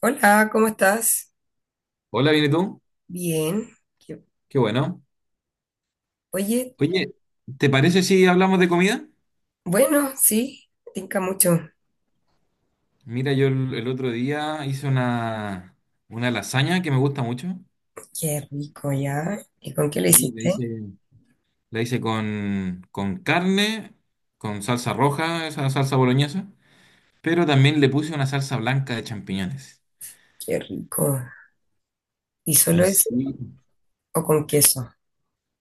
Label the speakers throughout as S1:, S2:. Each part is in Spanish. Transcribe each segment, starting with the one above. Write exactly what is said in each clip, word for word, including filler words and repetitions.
S1: Hola, ¿cómo estás?
S2: Hola, ¿viene tú?
S1: Bien. Qué-
S2: Qué bueno.
S1: Oye,
S2: Oye, ¿te parece si hablamos de comida?
S1: bueno, sí, tinca mucho.
S2: Mira, yo el, el otro día hice una, una lasaña que me gusta mucho.
S1: Qué rico, ¿ya? ¿Y con qué lo
S2: Y la
S1: hiciste?
S2: hice, la hice con, con carne, con salsa roja, esa salsa boloñesa, pero también le puse una salsa blanca de champiñones.
S1: Qué rico. ¿Y solo eso
S2: Sí.
S1: o con queso?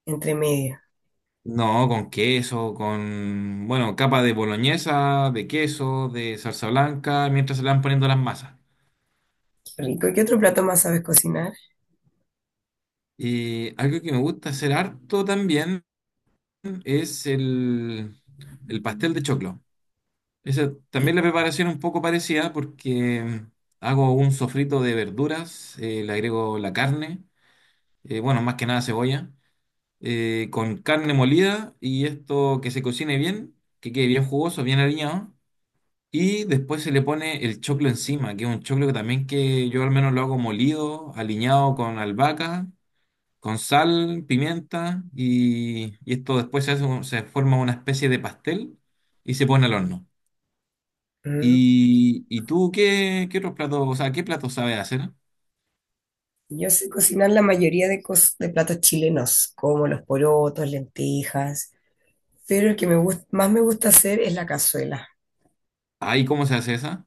S1: Entre medio.
S2: No, con queso, con, bueno, capa de boloñesa, de queso, de salsa blanca, mientras se le van poniendo las masas.
S1: Qué rico. ¿Y qué otro plato más sabes cocinar?
S2: Y algo que me gusta hacer harto también. Es el, el pastel de choclo. Esa,
S1: Sí.
S2: también la preparación es un poco parecida porque hago un sofrito de verduras, eh, le agrego la carne, eh, bueno, más que nada cebolla, eh, con carne molida y esto que se cocine bien, que quede bien jugoso, bien aliñado. Y después se le pone el choclo encima, que es un choclo que también que yo al menos lo hago molido, aliñado con albahaca con sal, pimienta y, y esto después se hace un- se forma una especie de pastel y se pone al horno.
S1: Mm.
S2: ¿Y, y tú qué, qué otros platos, o sea, qué platos sabes hacer?
S1: Yo sé cocinar la mayoría de, cos- de platos chilenos, como los porotos, lentejas, pero el que me gust- más me gusta hacer es la cazuela.
S2: Ay, ¿cómo se hace esa?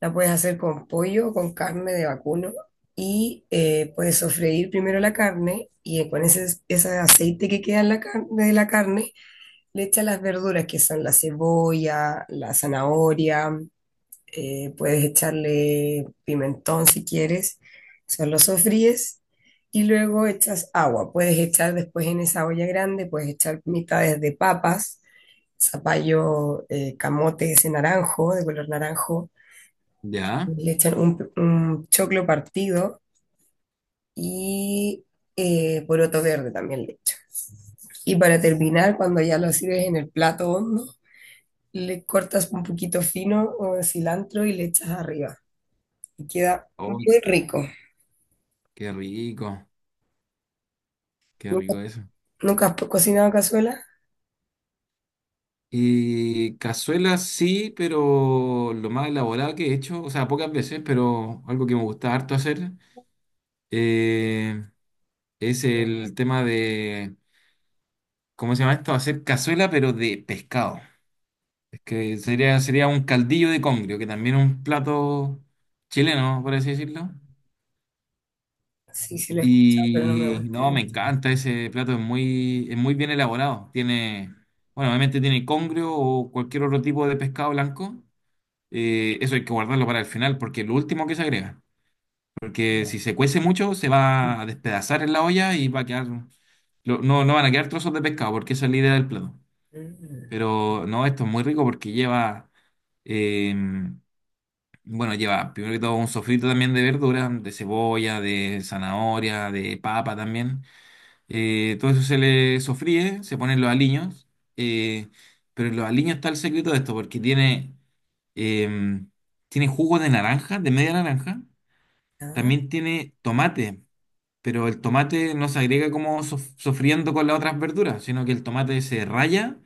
S1: La puedes hacer con pollo o con carne de vacuno y eh, puedes sofreír primero la carne y eh, con ese, ese aceite que queda en la carne, de la carne le echas las verduras que son la cebolla, la zanahoria, eh, puedes echarle pimentón si quieres, solo lo sofríes y luego echas agua. Puedes echar después en esa olla grande, puedes echar mitades de papas, zapallo, eh, camote ese naranjo, de color naranjo
S2: Ya.
S1: le echan un, un choclo partido y eh, poroto verde también le echan. Y para terminar, cuando ya lo sirves en el plato hondo, le cortas un poquito fino o de cilantro y le echas arriba. Y queda
S2: Oh,
S1: muy rico.
S2: qué rico, qué
S1: ¿Nunca,
S2: rico eso.
S1: nunca has cocinado cazuela?
S2: Y cazuelas sí, pero lo más elaborado que he hecho, o sea, pocas veces, pero algo que me gusta harto hacer, eh, es el tema de, ¿cómo se llama esto? Hacer cazuela, pero de pescado. Que sería, sería un caldillo de congrio, que también es un plato chileno, por así decirlo.
S1: Sí, sí lo he escuchado, pero no
S2: Y
S1: me gusta
S2: no, me
S1: mucho.
S2: encanta ese plato, es muy, es muy bien elaborado. Tiene, bueno, obviamente tiene congrio o cualquier otro tipo de pescado blanco. Eh, eso hay que guardarlo para el final, porque es lo último que se agrega. Porque si se cuece mucho, se va a despedazar en la olla y va a quedar, lo- no, no van a quedar trozos de pescado, porque esa es la idea del plato.
S1: Mm.
S2: Pero no, esto es muy rico porque lleva, em, bueno, lleva primero que todo un sofrito también de verduras, de cebolla, de zanahoria, de papa también. Eh, todo eso se le sofríe, se ponen los aliños. eh, pero en los aliños está el secreto de esto, porque tiene, em, tiene jugo de naranja, de media naranja.
S1: Ah,
S2: También tiene tomate, pero el tomate no se agrega como sof- sofriendo con las otras verduras, sino que el tomate se raya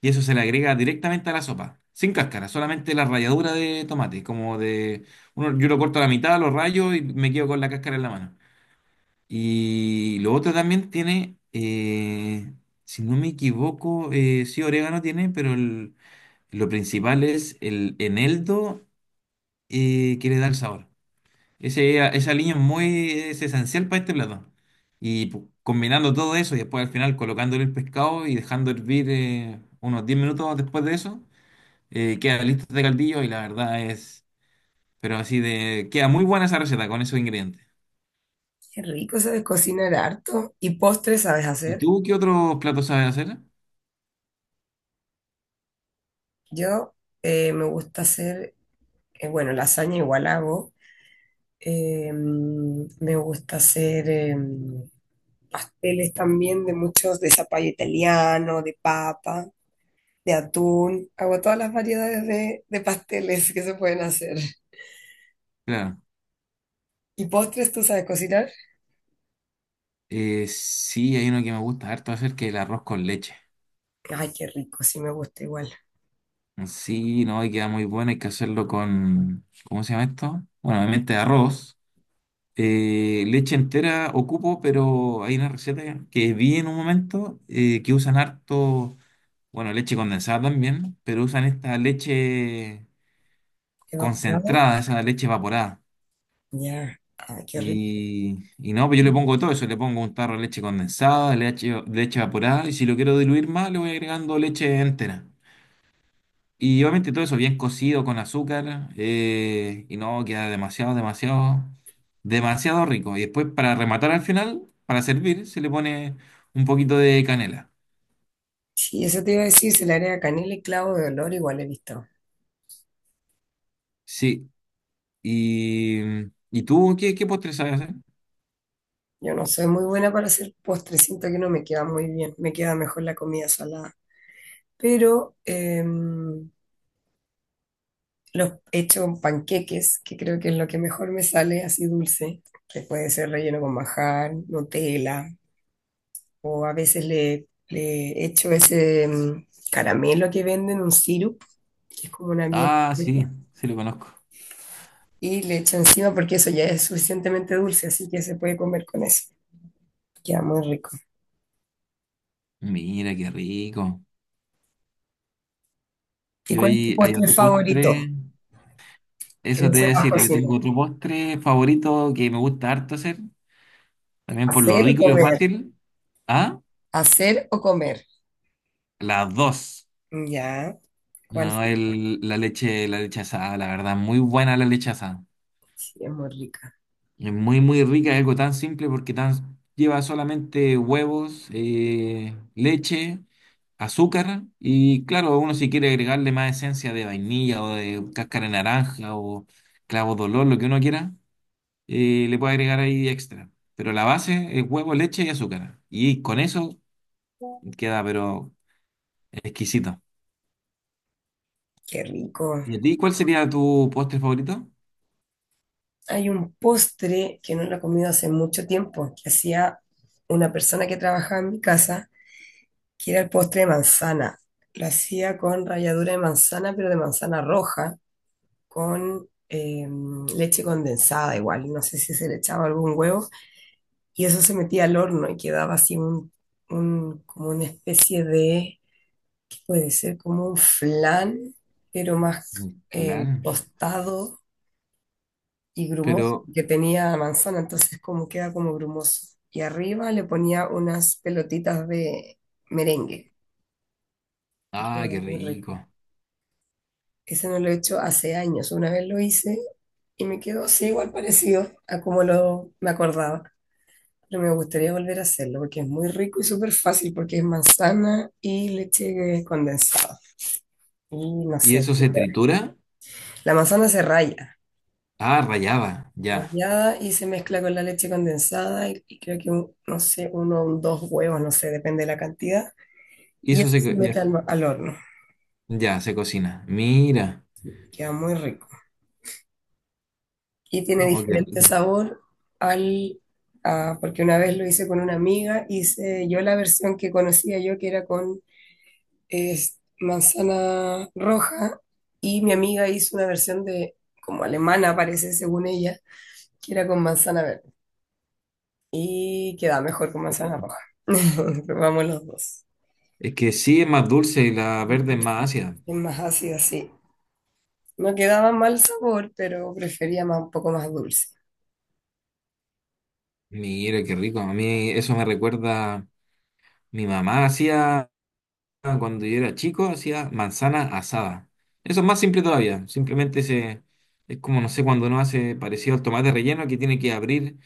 S2: y eso se le agrega directamente a la sopa, sin cáscara, solamente la ralladura de tomate, como de... uno- yo lo corto a la mitad, lo rayo y me quedo con la cáscara en la mano. Y lo otro también tiene, eh, si no me equivoco, eh, sí orégano tiene, pero el- lo principal es el eneldo eh, que le da el sabor. Ese, esa aliño es muy, es esencial para este plato. Y pu- combinando todo eso y después al final colocándole el pescado y dejando hervir eh, unos diez minutos después de eso eh, queda listo este caldillo y la verdad es, pero así de, queda muy buena esa receta con esos ingredientes.
S1: qué rico, sabes cocinar harto. ¿Y postres sabes
S2: ¿Y
S1: hacer?
S2: tú qué otros platos sabes hacer?
S1: Yo eh, me gusta hacer, eh, bueno, lasaña igual hago. Eh, me gusta hacer eh, pasteles también de muchos, de zapallo italiano, de papa, de atún. Hago todas las variedades de, de pasteles que se pueden hacer.
S2: Claro,
S1: ¿Y postres tú sabes cocinar?
S2: eh, sí, hay uno que me gusta harto hacer que es el arroz con leche.
S1: Ay, qué rico, sí me gusta igual.
S2: Sí, no, y queda muy bueno, hay que hacerlo con, ¿cómo se llama esto? Bueno, obviamente arroz. Eh, leche entera ocupo, pero hay una receta que vi en un momento eh, que usan harto, bueno, leche condensada también, pero usan esta leche
S1: ¿Evaporado?
S2: concentrada, esa leche evaporada.
S1: Ya, ay, qué rico.
S2: Y, y no, pues yo le pongo todo eso, le pongo un tarro de leche condensada, leche, leche evaporada, y si lo quiero diluir más, le voy agregando leche entera. Y obviamente todo eso bien cocido con azúcar, eh, y no, queda demasiado, demasiado, demasiado rico. Y después para rematar al final, para servir, se le pone un poquito de canela.
S1: Sí, eso te iba a decir, se le agrega canela y clavo de olor, igual he visto.
S2: Sí, y, ¿y tú qué, qué postre sabes hacer?
S1: Yo no soy muy buena para hacer postres, siento que no me queda muy bien, me queda mejor la comida salada. Pero em, los hecho con panqueques, que creo que es lo que mejor me sale así dulce, que puede ser relleno con majar, Nutella, o a veces le, le echo ese mm, caramelo que venden, un sirup, que es como una miel
S2: Ah, sí,
S1: espesa,
S2: sí lo conozco.
S1: y le echo encima porque eso ya es suficientemente dulce, así que se puede comer con eso. Queda muy rico.
S2: Mira, qué rico.
S1: ¿Y
S2: Yo
S1: cuál es tu
S2: ahí hay
S1: postre
S2: otro
S1: favorito?
S2: postre.
S1: Que
S2: Eso
S1: no. Bueno,
S2: te voy a
S1: sepas
S2: decir, yo
S1: cocinar.
S2: tengo otro postre favorito que me gusta harto hacer, también por lo
S1: ¿Hacer o
S2: rico y lo
S1: comer?
S2: fácil. ¿Ah?
S1: ¿Hacer o comer?
S2: Las dos.
S1: Ya, ¿cuál?
S2: No, el, la leche, la leche asada, la verdad, muy buena la leche asada.
S1: Sí, es muy rica.
S2: Es muy, muy rica, es algo tan simple porque tan, lleva solamente huevos, eh, leche, azúcar y claro, uno si quiere agregarle más esencia de vainilla o de cáscara de naranja o clavo de olor, lo que uno quiera. Eh, le puede agregar ahí extra. Pero la base es huevo, leche y azúcar. Y con eso queda, pero exquisito.
S1: Qué rico.
S2: ¿Y a ti cuál sería tu postre favorito?
S1: Hay un postre que no lo he comido hace mucho tiempo, que hacía una persona que trabajaba en mi casa, que era el postre de manzana. Lo hacía con ralladura de manzana, pero de manzana roja, con eh, leche condensada igual. No sé si se le echaba algún huevo. Y eso se metía al horno y quedaba así un, un- como una especie de, puede ser como un flan, pero más
S2: Mm,
S1: eh,
S2: claro.
S1: tostado y grumoso,
S2: Pero,
S1: que tenía manzana, entonces como queda como grumoso. Y arriba le ponía unas pelotitas de merengue y
S2: ah,
S1: queda
S2: qué
S1: muy
S2: rico.
S1: rico. Ese no lo he hecho hace años, una vez lo hice y me quedó así igual parecido a como lo me acordaba. Pero me gustaría volver a hacerlo porque es muy rico y súper fácil porque es manzana y leche condensada. Y no
S2: ¿Y
S1: sé,
S2: eso se tritura?
S1: la manzana se raya.
S2: Ah, rallaba, ya.
S1: Rallada y se mezcla con la leche condensada y, y creo que, un- no sé, uno o dos huevos, no sé, depende de la cantidad.
S2: Y
S1: Y
S2: eso
S1: eso
S2: se,
S1: se
S2: co- ya,
S1: mete al,
S2: se-
S1: al horno,
S2: ya se cocina. Mira.
S1: queda muy rico. Y tiene
S2: Oh, qué
S1: diferente
S2: rico.
S1: sabor al... a- porque una vez lo hice con una amiga, hice yo la versión que conocía yo, que era con es, manzana roja, y mi amiga hizo una versión de, como alemana parece, según ella, que era con manzana verde. Y queda mejor con manzana roja. Probamos los dos.
S2: Es que sí es más dulce y la verde es más
S1: Dulce,
S2: ácida.
S1: es más ácido, sí. No quedaba mal sabor, pero prefería más, un poco más dulce.
S2: Mira, qué rico. A mí eso me recuerda, mi mamá hacía ah, cuando yo era chico, hacía manzana asada. Eso es más simple todavía. Simplemente se, es como, no sé, cuando uno hace parecido al tomate relleno, que tiene que abrir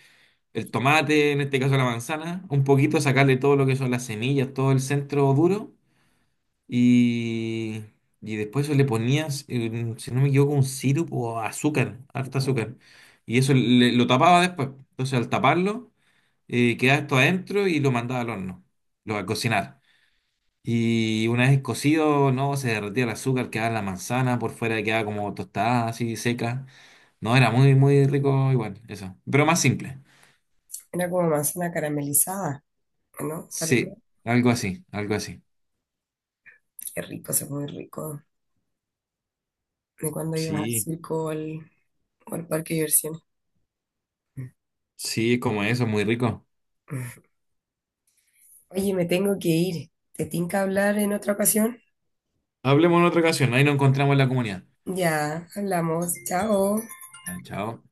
S2: el tomate, en este caso la manzana, un poquito, sacarle todo lo que son las semillas, todo el centro duro. Y, y después eso le ponías, eh, si no me equivoco, un sirope o azúcar, harta azúcar. Y eso le- lo tapaba después. Entonces al taparlo, eh, quedaba esto adentro y lo mandaba al horno, lo a cocinar. Y una vez cocido, no, se derretía el azúcar, quedaba la manzana, por fuera quedaba como tostada, así seca. No, era muy, muy rico igual, eso. Pero más simple.
S1: Era como manzana caramelizada, ¿no? Parecía
S2: Sí, algo así, algo así.
S1: qué rico, se muy rico. De cuando ibas al
S2: Sí,
S1: circo o al, o al parque de diversiones.
S2: sí, como eso, muy rico.
S1: Oye, me tengo que ir. ¿Te tinca hablar en otra ocasión?
S2: Hablemos en otra ocasión, ahí nos encontramos en la comunidad.
S1: Ya, hablamos. Chao.
S2: Ah, chao.